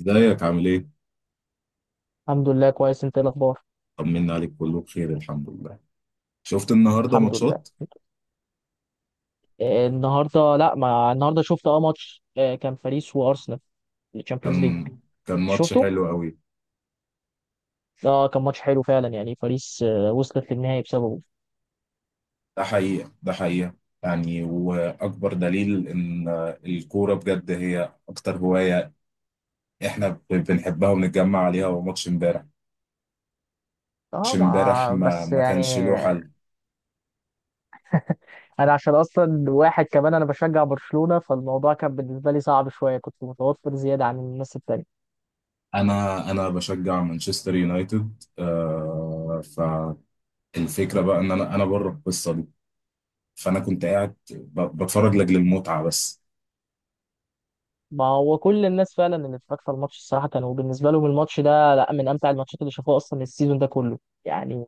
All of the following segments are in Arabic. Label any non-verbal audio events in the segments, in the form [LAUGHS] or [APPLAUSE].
ازيك عامل ايه؟ الحمد لله كويس. انت ايه الاخبار؟ طمنا عليك كله بخير الحمد لله. شفت النهارده الحمد لله. ماتشات. النهارده، لا، ما النهارده شفت ماتش، كان باريس وارسنال. الشامبيونز ليج. كان كان ماتش شفته. حلو قوي. اه، كان ماتش حلو فعلا. يعني باريس وصلت للنهائي بسببه. ده حقيقة ده حقيقة، يعني واكبر دليل ان الكورة بجد هي اكتر هواية احنا بنحبها وبنتجمع عليها. هو ماتش امبارح، ماتش اه، امبارح ما ما بس ما كانش له يعني حل. انا، عشان اصلا واحد كمان، انا بشجع برشلونة، فالموضوع كان بالنسبه لي صعب شويه. كنت متوتر زياده عن الناس التانية. انا بشجع مانشستر يونايتد. فالفكرة بقى ان انا بره القصة دي، فانا كنت قاعد بتفرج لاجل المتعة بس. ما هو كل الناس فعلا اللي اتفرجت على الماتش الصراحه، كانوا بالنسبه لهم الماتش ده لا، من امتع الماتشات اللي شافوها اصلا السيزون ده كله. يعني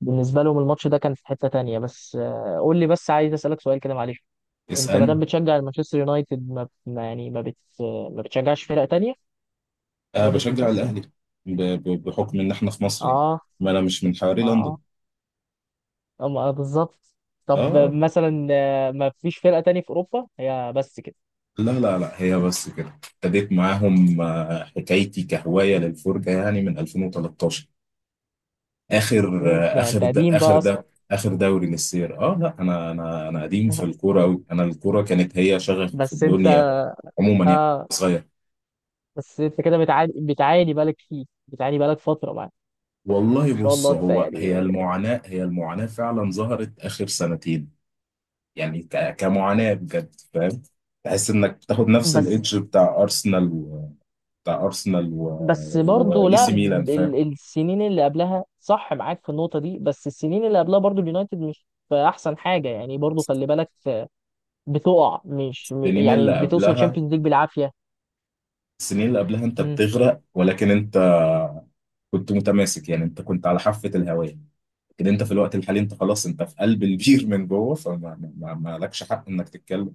بالنسبة لهم الماتش ده كان في حتة تانية. بس قول لي، بس عايز أسألك سؤال كده، معلش. أنت ما اسأل. دام بتشجع المانشستر يونايتد، ما بتشجعش فرق تانية؟ أه، يونايتد بشجع بس يعني؟ الأهلي بحكم إن إحنا في مصر يعني، آه ما أنا مش من حواري لندن. آه، آه آه بالظبط. آه طب آه. مثلا ما فيش فرقة تانية في أوروبا؟ هي بس كده؟ لا لا لا، هي بس كده ابتديت معاهم. حكايتي كهواية للفرجة يعني من 2013. آخر 2000، آه، ده آخر أنت ده قديم آخر بقى أصلا. ده آخر دوري للسير. لا، أنا قديم في [LAUGHS] الكورة أوي، أنا الكورة كانت هي شغفي في بس أنت، الدنيا عموما يعني. آه، صغير. بس أنت كده بتعاني، بتعاني بقالك فيه بتعاني بقالك فترة معاه. والله ما شاء بص، الله أنت هو هي يعني. المعاناة هي المعاناة فعلا ظهرت آخر سنتين، يعني كمعاناة بجد، فاهم. تحس انك بتاخد نفس بس، الايدج بتاع ارسنال و بس برضه، واي لا، سي ميلان، فاهم. السنين اللي قبلها صح، معاك في النقطة دي، بس السنين اللي قبلها برضه اليونايتد مش في أحسن حاجة، يعني برضه خلي بالك. بتقع مش م- السنين يعني اللي بتوصل قبلها تشامبيونز ليج بالعافية. السنين اللي قبلها انت مم. بتغرق، ولكن انت كنت متماسك يعني. انت كنت على حافة الهواء، لكن انت في الوقت الحالي انت خلاص، انت في قلب البير من جوه. فما ما... ما ما لكش حق انك تتكلم.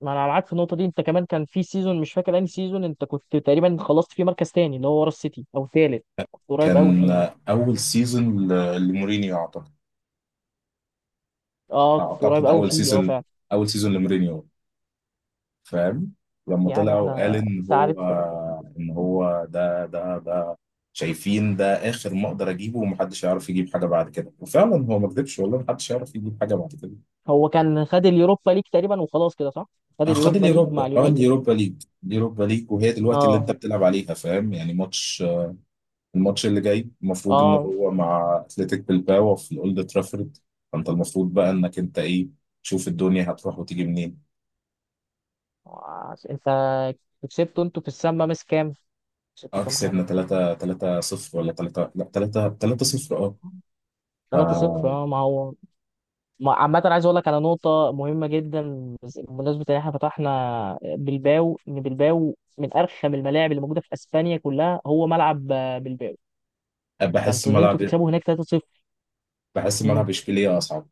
ما أنا معاك في النقطة دي. أنت كمان كان في سيزون، مش فاكر أنهي سيزون، أنت كنت تقريبا خلصت فيه مركز تاني، اللي هو ورا السيتي، أو تالت. كنت قريب أوي كان فيه ده. اول سيزون لمورينيو اعتقد. أه كنت قريب اعتقد أوي فيه، أه، فعلا. اول سيزون لمورينيو، فاهم. لما طلع يعني وقال احنا، ان انت عارف، هو، ان هو ده شايفين، ده اخر ما اقدر اجيبه ومحدش يعرف يجيب حاجه بعد كده. وفعلا هو ما كذبش والله، محدش يعرف يجيب حاجه بعد كده. هو كان خد اليوروبا ليج تقريبا وخلاص كده، صح؟ خد آه، خد اليوروبا ليج مع اليوروبا، اه اليونايتد. اليوروبا ليج، اليوروبا ليج، وهي دلوقتي اللي اه، انت اه بتلعب عليها، فاهم يعني. الماتش اللي جاي المفروض ان اه. هو مع اتلتيك بالباو في الاولد ترافورد، فانت المفروض بقى انك انت ايه، تشوف الدنيا هتروح وتيجي منين. انت كسبته انتوا في السما مس كام؟ كسبته اه، كام؟ كسبنا 3 3 0، ولا 3، لا، 3 3 0. 3 صفر. اه. اه، ما هو. عامة عايز اقول لك على نقطة مهمة جدا، بمناسبة ان احنا فتحنا بلباو، ان بلباو من ارخم الملاعب اللي موجودة في اسبانيا كلها. هو ملعب بلباو، بحس فانتوا ان انتوا ملعب تكسبوا هناك 3 صفر، بحس ملعب اشبيليه اصعب.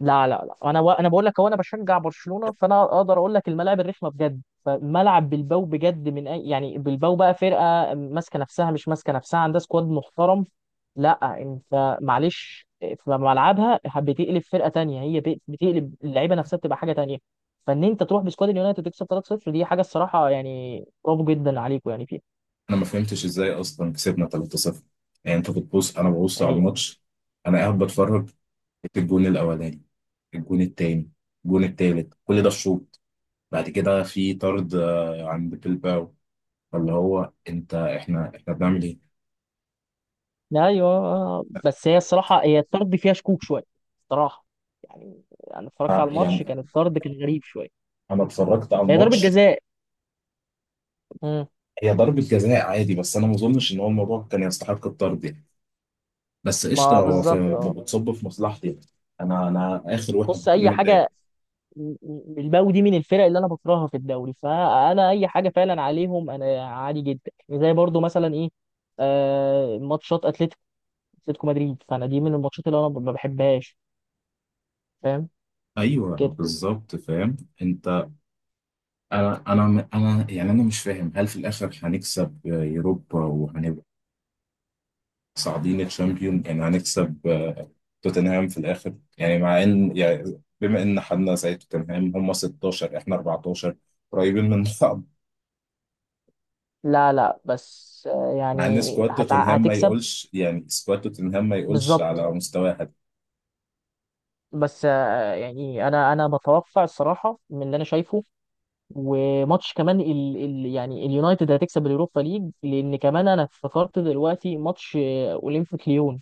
لا، انا بقول لك، هو انا بشجع برشلونه، فانا اقدر اقول لك الملاعب الرخمه بجد. فملعب بلباو بجد من يعني بلباو بقى فرقه ماسكه نفسها، مش ماسكه نفسها، عندها سكواد محترم. لا انت معلش، في ملعبها بتقلب فرقه تانية، هي بتقلب اللعيبه نفسها بتبقى حاجه تانية. فان انت تروح بسكواد اليونايتد تكسب 3-0، دي حاجه الصراحه، يعني برافو جدا عليكم يعني فيها. انا ما فهمتش ازاي اصلا كسبنا 3-0. يعني انت بتبص، انا ببص على يعني الماتش، انا قاعد بتفرج. الجون الاولاني، الجون التاني، الجون التالت، كل ده الشوط. بعد كده في طرد عند بيلباو، فاللي هو انت احنا بنعمل ايه. ايوه، بس هي الصراحه، هي الطرد فيها شكوك شويه الصراحه. يعني انا اتفرجت آه، على الماتش، يعني كان الطرد كان غريب شويه. انا اتفرجت على هي ضربه الماتش. جزاء. امم هي ضربة جزاء عادي، بس انا ما اظنش ان هو الموضوع كان يستحق الطرد يعني. بس قشطه، ما هو بالظبط، اه. بتصب في مصلحتي، انا اخر واحد بص، هكون اي متضايق. حاجه، بالباو دي من الفرق اللي انا بكرهها في الدوري، فانا اي حاجه فعلا عليهم انا عادي جدا. يعني زي برضو مثلا ايه، آه، ماتشات اتلتيكو، اتلتيكو مدريد، فانا دي من الماتشات اللي انا ما بحبهاش، فاهم ايوه كده. بالظبط، فاهم انت. انا مش فاهم هل في الاخر هنكسب يوروبا وهنبقى صاعدين الشامبيون. يعني هنكسب توتنهام في الاخر، يعني مع ان، يعني بما ان حدنا زي توتنهام، هم 16 احنا 14، قريبين من بعض. لا لا، بس آه مع ان يعني سكواد توتنهام ما هتكسب يقولش، يعني سكواد توتنهام ما يقولش بالظبط. على مستوى حد. بس يعني انا انا بتوقع الصراحه من اللي انا شايفه. وماتش كمان ال ال يعني اليونايتد هتكسب اليوروبا ليج، لان كمان انا افتكرت دلوقتي ماتش اولمبيك ليون.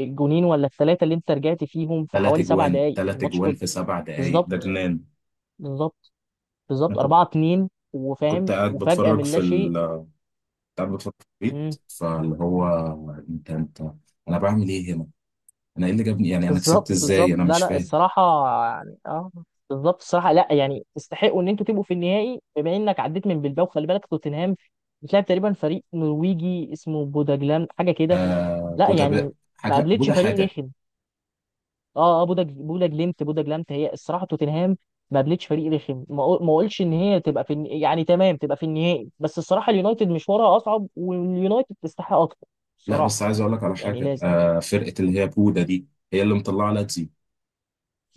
الجونين ولا الثلاثه اللي انت رجعت فيهم في ثلاث حوالي سبع اجوان، دقائق ثلاث الماتش اجوان كله. في سبع دقائق، ده بالظبط، جنان. بالظبط، انا بالظبط كنت 4-2، كنت وفاهم قاعد وفجاه بتفرج من في لا شيء. ال، قاعد بتفكر في البيت، إمم. فاللي هو انت انا بعمل ايه هنا؟ انا ايه اللي جابني، يعني انا كسبت بالظبط، بالظبط، ازاي؟ انا لا مش لا فاهم. الصراحة. يعني اه، بالظبط الصراحة. لا يعني تستحقوا ان انتوا تبقوا في النهائي بما انك عديت من بلباو. خلي بالك توتنهام بتلعب تقريبا فريق نرويجي اسمه بوداجلام، حاجة كده. آه، لا بودا يعني ما حاجه، قابلتش بودا فريق حاجه. رخم. اه اه، بوداج، بوداجلمت، بوداجلمت، هي الصراحة توتنهام ما قابلتش فريق رخم. ما اقولش ان هي تبقى يعني تمام تبقى في النهائي، بس الصراحة اليونايتد مشوارها اصعب، واليونايتد تستحق اكتر لا بس الصراحة. عايز اقول لك على يعني حاجه، لازم، آه فرقه اللي هي بودا دي هي اللي مطلعه لاتزيو.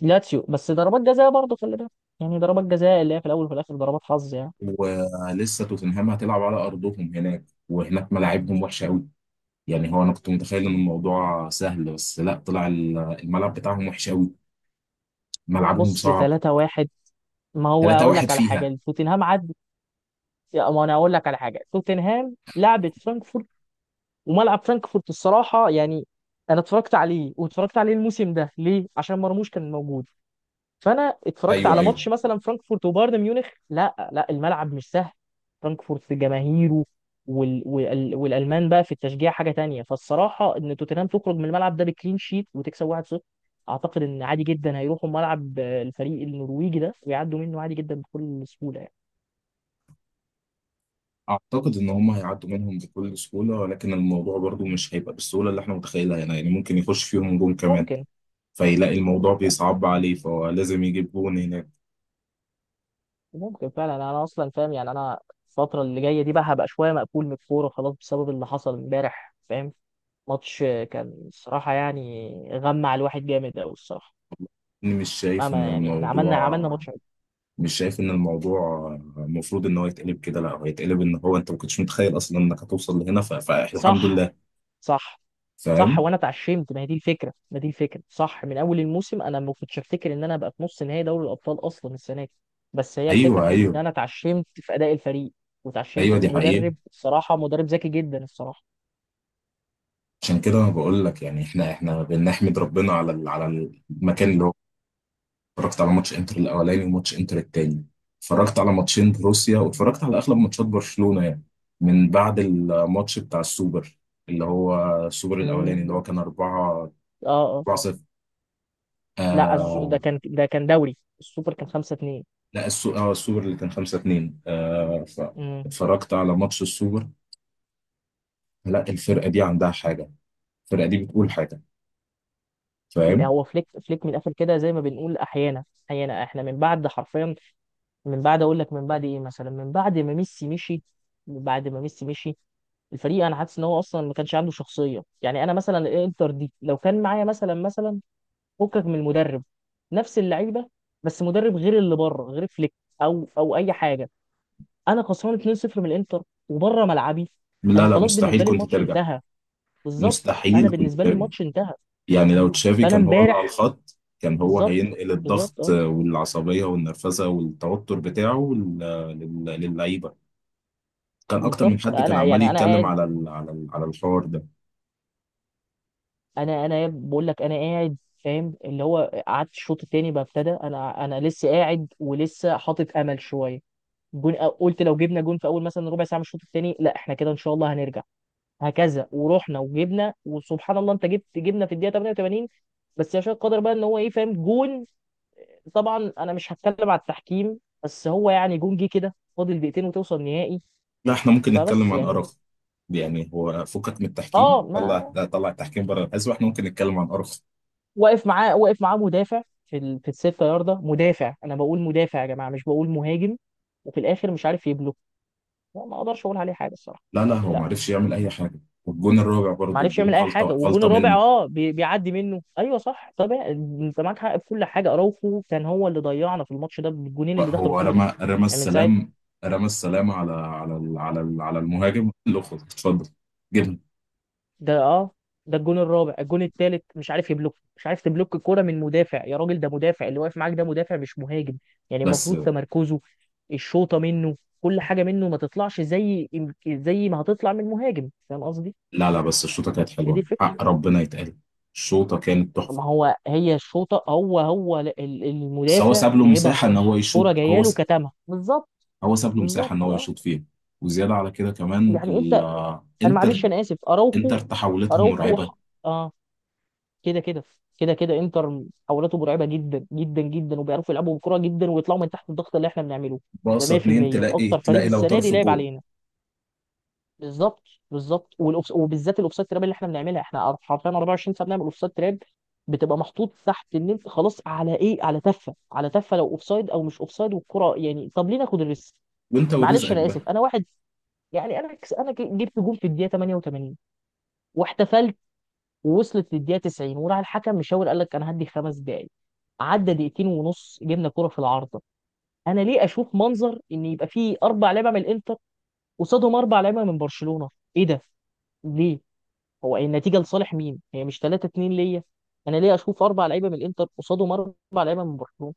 لاتسيو بس ضربات جزاء برضه خلي بالك. يعني ضربات جزاء اللي هي في الاول وفي الاخر ضربات حظ يعني. ولسه توتنهام هتلعب على ارضهم، هناك وهناك ملاعبهم وحشه قوي، يعني. هو انا كنت متخيل ان الموضوع سهل، بس لا، طلع الملعب بتاعهم وحش قوي، ملعبهم بص صعب. 3-1. ما هو اقول 3-1 لك على فيها. حاجه، توتنهام عدي، ما انا اقول لك على حاجه، توتنهام لعبت فرانكفورت، وملعب فرانكفورت الصراحه يعني، انا اتفرجت عليه واتفرجت عليه الموسم ده، ليه؟ عشان مرموش كان موجود، فانا اتفرجت ايوه على ماتش ايوه. مثلا فرانكفورت وبايرن ميونخ. لا لا، الملعب مش سهل. فرانكفورت في جماهيره والالمان بقى في التشجيع حاجه تانية. فالصراحه ان توتنهام تخرج من الملعب ده بكلين شيت وتكسب 1-0، اعتقد ان عادي جدا هيروحوا ملعب الفريق النرويجي ده، ويعدوا منه عادي جدا بكل سهوله يعني. اعتقد ان هم هيعدوا منهم بكل سهوله، ولكن الموضوع برضو مش هيبقى بالسهوله اللي احنا متخيلها هنا، يعني ممكن يخش فيهم جون كمان، ممكن. فيلاقي الموضوع ممكن فعلا. بيصعب عليه، فهو لازم يجيب جون هناك. ممكن فعلا، انا اصلا فاهم يعني. انا الفتره اللي جايه دي بقى هبقى شويه مقفول من الكوره خلاص، بسبب اللي حصل امبارح، فاهم. ماتش كان الصراحه يعني غمع الواحد جامد قوي الصراحه. أنا مش شايف ان اما يعني احنا عملنا، الموضوع عملنا ماتش حلو. مش شايف ان الموضوع المفروض ان هو يتقلب كده، لا، هو يتقلب ان هو انت ما كنتش متخيل اصلا انك هتوصل لهنا، فالحمد صح. لله، صح. صح، فاهم. وانا اتعشمت. ما هي دي الفكره، ما دي الفكره صح، من اول الموسم انا ما كنتش افتكر ان انا ابقى في نص نهائي دوري الابطال اصلا السنه دي. بس هي الفكره ايوه في ان ايوه. انا اتعشمت في اداء الفريق، واتعشمت ايوه، دي في حقيقه. مدرب الصراحه، مدرب ذكي جدا الصراحه. عشان كده انا بقول لك، يعني احنا بنحمد ربنا على على المكان اللي هو. اتفرجت على ماتش انتر الاولاني وماتش انتر التاني، اتفرجت على ماتشين روسيا، واتفرجت على اغلب ماتشات برشلونة يعني. من بعد الماتش بتاع السوبر، اللي هو السوبر امم. الاولاني، اللي هو كان 4 اه اه. 4 0، لا ده آه. كان، ده كان دوري السوبر، كان 5-2. لا، السوبر اللي كان 5 2، آه. امم. فاتفرجت على ماتش السوبر. لا، الفرقة دي عندها حاجة، الفرقة دي بتقول حاجة، فاهم. هو فليك، من الاخر كده زي ما بنقول، احيانا احنا من بعد حرفيا، من بعد اقول لك من بعد ايه مثلا، من بعد ما ميسي مشي. من بعد ما ميسي مشي الفريق انا حاسس ان هو اصلا ما كانش عنده شخصيه. يعني انا مثلا الانتر دي لو كان معايا مثلا، فكك من المدرب، نفس اللعيبه، بس مدرب غير اللي بره، غير فليك، او اي حاجه، انا خسران 2-0 من الانتر وبره ملعبي، لا انا لا، خلاص مستحيل بالنسبه لي كنت الماتش ترجع. انتهى. بالظبط، انا مستحيل كنت بالنسبه لي ترجع. الماتش انتهى. يعني لو تشافي فانا كان هو اللي على امبارح، الخط، كان هو بالظبط، هينقل بالظبط الضغط اه، والعصبية والنرفزة والتوتر بتاعه للعيبة. كان أكتر من بالظبط، حد كان انا عمال يعني انا يتكلم قاعد، على ال، على ال، على الحوار ده. انا بقول لك انا قاعد فاهم، اللي هو قعدت الشوط التاني بقى ابتدى، انا انا لسه قاعد ولسه حاطط امل شويه. قلت لو جبنا جون في اول مثلا ربع ساعه من الشوط التاني، لا احنا كده ان شاء الله هنرجع. هكذا ورحنا وجبنا وسبحان الله، انت جبت، جبنا في الدقيقه 88. بس يشاء القدر بقى ان هو ايه، فاهم، جون. طبعا انا مش هتكلم على التحكيم، بس هو يعني جون جه كده فاضل دقيقتين وتوصل نهائي. لا إحنا ممكن فبس نتكلم عن يعني أرخ، يعني هو فكك من اه التحكيم، ما. طلع لا، طلع التحكيم بره الحسبة. إحنا ممكن نتكلم عن أرخ. واقف معاه، واقف معاه مدافع في الستة ياردة، مدافع. انا بقول مدافع يا جماعه، مش بقول مهاجم. وفي الاخر مش عارف يبلوك. لا، ما اقدرش اقول عليه حاجه الصراحه، لا لا، يعني هو ما لا. عرفش يعمل أي حاجة. والجون الرابع ما برضه، عرفش الجون يعمل اي غلطة حاجه. والجون غلطة الرابع منه. اه، بيعدي منه، ايوه صح طبعا. انت معاك حق في كل حاجه، اراوخو كان هو اللي ضيعنا في الماتش ده بالجونين اللي دخلوا هو فينا. رمى يعني من ساعه، السلام، رمى السلام على على المهاجم اللي خد اتفضل، جبنه. ده اه، ده الجون الرابع. الجون الثالث مش عارف يبلوك، مش عارف تبلوك الكوره من مدافع يا راجل! ده مدافع اللي واقف معاك، ده مدافع مش مهاجم. يعني بس المفروض تمركزه، الشوطه منه، كل حاجه منه ما تطلعش زي، زي ما هتطلع من مهاجم، فاهم قصدي. لا لا، بس الشوطه كانت هي دي حلوه الفكره. حق ربنا يتقال، الشوطه كانت تحفه. ما هو هي الشوطه، هو هو بس هو المدافع ساب له لعبها مساحه ان هو صح، يشوط، كوره جايه له كتمها بالظبط. هو ساب له مساحه ان بالظبط هو اه. يشوط فيها. وزياده على كده كمان. يعني انت، انا الانتر معلش، انا اسف انتر اراوخو. تحولتها اراوخو مرعبه. اه، كده كده، كده كده. انتر محاولاته مرعبه جدا جدا جدا، وبيعرفوا يلعبوا بكره جدا ويطلعوا من تحت الضغط اللي احنا بنعمله. ده باصه اتنين، 100% تلاقي اكتر فريق تلاقي لو السنه دي طرف لعب جون. علينا. بالظبط. بالظبط، وبالذات الاوفسايد تراب اللي احنا بنعملها، احنا حرفيا 24 ساعه بنعمل اوفسايد تراب. بتبقى محطوط تحت ان انت خلاص على ايه، على تفه، على تفه لو اوفسايد او مش اوفسايد. والكره يعني طب ليه ناخد الريسك. وانت معلش ورزقك انا بقى. اسف، انا واحد يعني، انا انا جبت جول في الدقيقه 88 واحتفلت ووصلت للدقيقه 90، وراح الحكم مشاور قال لك انا هدي 5 دقائق. عدى دقيقتين ونص جبنا كرة في العارضة. انا ليه اشوف منظر ان يبقى فيه اربع لعيبه من الانتر قصادهم اربع لعيبه من برشلونة؟ ايه ده؟ ليه؟ هو النتيجه لصالح مين؟ هي مش 3-2 ليا؟ انا ليه اشوف اربع لعيبه من الانتر قصادهم اربع لعيبه من برشلونة؟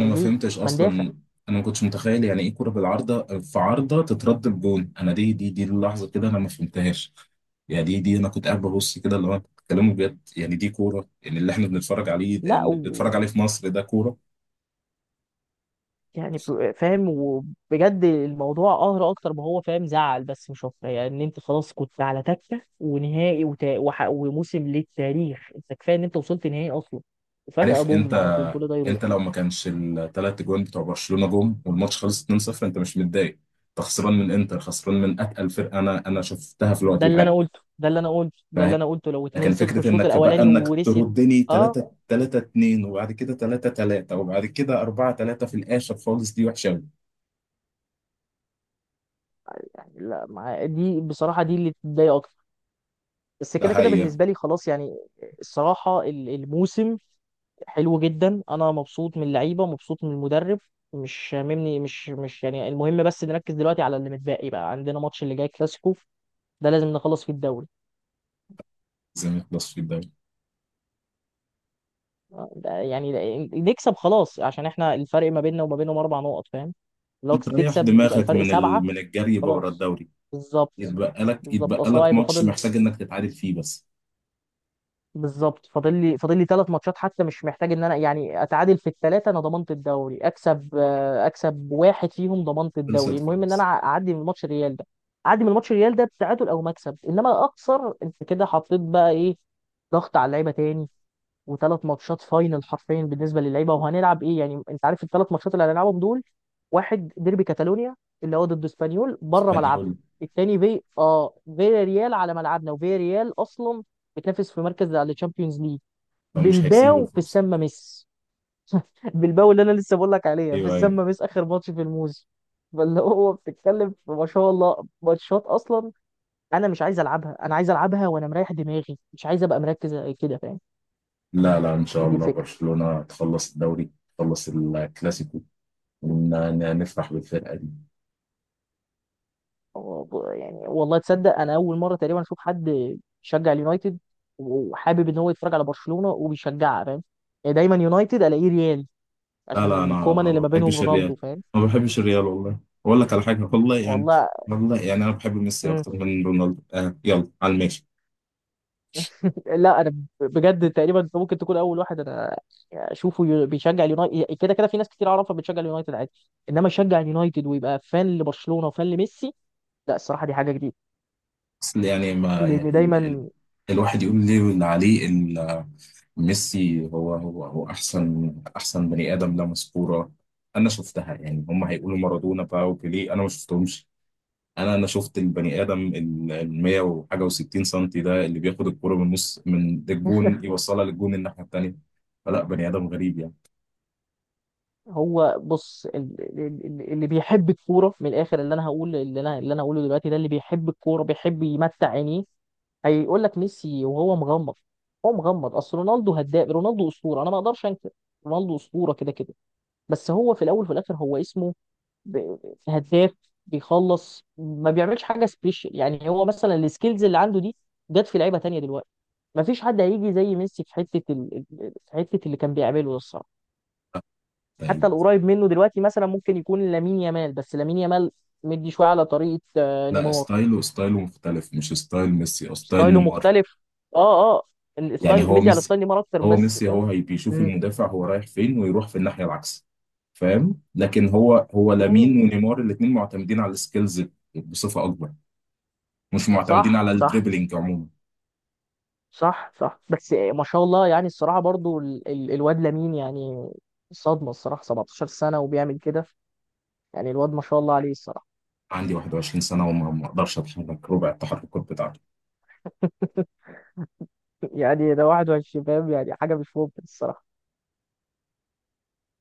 انا ما ليه؟ فهمتش ما ندافع! اصلا، انا ما كنتش متخيل يعني. ايه كرة بالعارضة، في عارضة تترد بجون! انا دي اللحظة كده انا ما فهمتهاش. يعني دي انا كنت قاعد ببص كده، اللي هو انتوا بتتكلموا بجد يعني، دي كوره يعني اللي احنا بنتفرج عليه، لا اللي بنتفرج عليه في مصر ده كوره. يعني فاهم، وبجد الموضوع قهر اكتر ما هو فاهم، زعل بس مش اكتر. يعني ان انت خلاص كنت على تكه ونهائي وموسم للتاريخ، انت كفايه ان انت وصلت نهائي اصلا. وفجاه عارف انت، بوم على طول كل ده انت يروح. لو ما كانش الثلاث جوان بتوع برشلونه جم والماتش خلص 2-0، انت مش متضايق. انت خسران من انتر، خسران من اتقل فرقه انا انا شفتها في الوقت الحالي. ده اللي انا قلته لو لكن 2-0، فكرة الشوط انك بقى الاولاني انك ورثت تردني اه. 3 3 2، وبعد كده 3 3، وبعد كده 4 3 في الاخر خالص، دي وحشة قوي. يعني لا دي بصراحه دي اللي تضايق اكتر. بس ده كده كده هي. بالنسبه لي خلاص يعني. الصراحه الموسم حلو جدا. انا مبسوط من اللعيبه، مبسوط من المدرب، مش شاممني، مش مش يعني المهم بس نركز دلوقتي على اللي متبقي بقى. عندنا ماتش اللي جاي كلاسيكو، ده لازم نخلص فيه الدوري. زي ما يخلص في الدوري، ده يعني نكسب خلاص، عشان احنا الفرق ما بيننا وما بينهم 4 نقط فاهم، لو انت ريح تكسب يبقى دماغك الفرق من 7. من الجري بقى ورا خلاص. الدوري. بالظبط. يتبقى لك بالظبط، اصل هو هيبقى ماتش فاضل، محتاج انك تتعادل فيه بس. بالظبط، فاضل لي، فاضل لي 3 ماتشات، حتى مش محتاج ان انا يعني اتعادل في الـ3، انا ضمنت الدوري، اكسب اكسب واحد فيهم ضمنت الدوري. خلصت المهم ان انا خلاص. اعدي من ماتش الريال ده، اعدي من ماتش الريال ده بتعادل او مكسب. انما اخسر انت كده حطيت بقى ايه، ضغط على اللعيبه تاني. وثلاث ماتشات فاينل حرفيا بالنسبه للعيبه. وهنلعب ايه يعني انت عارف الـ3 ماتشات اللي هنلعبهم دول؟ واحد ديربي كاتالونيا، اللي هو ضد اسبانيول بره اسبانيول، ملعبنا. الثاني في اه فيا ريال على ملعبنا، وفيا ريال اصلا بتنافس في مركز على تشامبيونز ليج. فمش هيسيبوا بلباو في الفرصة. السما ميس، بلباو اللي انا لسه بقول لك عليها في ايوه ايوه. السما ميس، اخر ماتش في الموسم. فاللي هو بتتكلم في ما شاء الله ماتشات اصلا، انا مش عايز العبها، انا عايز العبها وانا مريح دماغي، مش عايز ابقى مركز كده، فاهم. لا لا، ان شاء دي الله الفكره. برشلونة تخلص الدوري، تخلص الكلاسيكو، ونفرح بالفرقة. هو يعني والله تصدق، انا اول مره تقريبا اشوف حد يشجع اليونايتد وحابب ان هو يتفرج على برشلونه وبيشجعها، فاهم. يعني دايما يونايتد الاقيه ريال، لا عشان لا، انا الكومان ما اللي ما بينهم بحبش رونالدو، الريال، فاهم. ما بحبش الريال والله. اقول لك على حاجه، والله يعني، والله. والله يعني انا بحب ميسي اكتر من رونالدو آه، يلا على الماشي. لا انا بجد تقريبا انت ممكن تكون اول واحد انا اشوفه بيشجع اليونايتد. كده كده في ناس كتير اعرفها بتشجع اليونايتد عادي، انما يشجع اليونايتد ويبقى فان لبرشلونه وفان لميسي، لا الصراحه دي حاجه جديده. بس يعني، ما يعني لان دايما. الواحد يقول ليه، واللي عليه ميسي هو احسن، احسن بني ادم، لا مسكوره. انا شفتها، يعني هم هيقولوا مارادونا بقى وبيليه، انا ما شفتهمش. انا شفت البني ادم ال 100 وحاجه و60 سم ده اللي بياخد الكوره من نص، من الجون، يوصلها للجون الناحيه التانيه. فلا، بني ادم غريب يعني. هو بص، اللي بيحب الكوره من الاخر، اللي انا هقوله دلوقتي، ده اللي بيحب الكوره بيحب يمتع عينيه، هيقول لك ميسي وهو مغمض، هو مغمض. اصل رونالدو هداف، رونالدو اسطوره، انا ما اقدرش انكر. رونالدو اسطوره كده كده. بس هو في الاول وفي الاخر هو اسمه هداف، بيخلص، ما بيعملش حاجه سبيشال. يعني هو مثلا السكيلز اللي عنده دي جت في لعيبه تانية دلوقتي. ما فيش حد هيجي زي ميسي في حته في حته اللي كان بيعمله ده الصراحه. حتى طيب. القريب منه دلوقتي مثلا ممكن يكون لامين يامال، بس لامين يامال مدي شويه على طريقه لا، نيمار. ستايله مختلف، مش ستايل ميسي او ستايل ستايله نيمار. مختلف، اه اه، يعني الستايل هو مدي على ميسي، ستايل نيمار اكتر هو بس ميسي فاهم. هو هي بيشوف مم. المدافع هو رايح فين، ويروح في الناحية العكس، فاهم. لكن هو مم. لامين ونيمار الاتنين معتمدين على السكيلز بصفة اكبر، مش معتمدين صح على صح. الدريبلينج عموما. صح صح، بس ما شاء الله يعني الصراحه برضو الواد لامين يعني صدمه الصراحه، 17 سنه وبيعمل كده، يعني الواد ما شاء الله عليه الصراحه. عندي 21 سنة وما ما اقدرش اتحرك ربع التحركات بتاعته. [LAUGHS] يعني ده 21 فاهم، يعني حاجه مش ممكن الصراحه.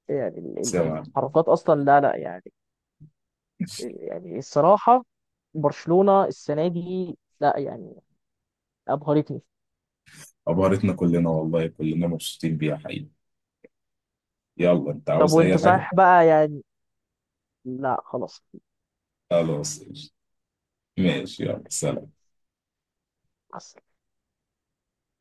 يعني بس، التحركات اصلا لا لا يعني. يعني الصراحه برشلونه السنه دي لا يعني، ابهرتني. عبارتنا كلنا والله كلنا مبسوطين بيها حقيقي. يلا، انت طب عاوز اي وانت حاجة؟ صحيح بقى يعني؟ لا خلاص. خلاص. ماشي، يلا، سلام. ماشي.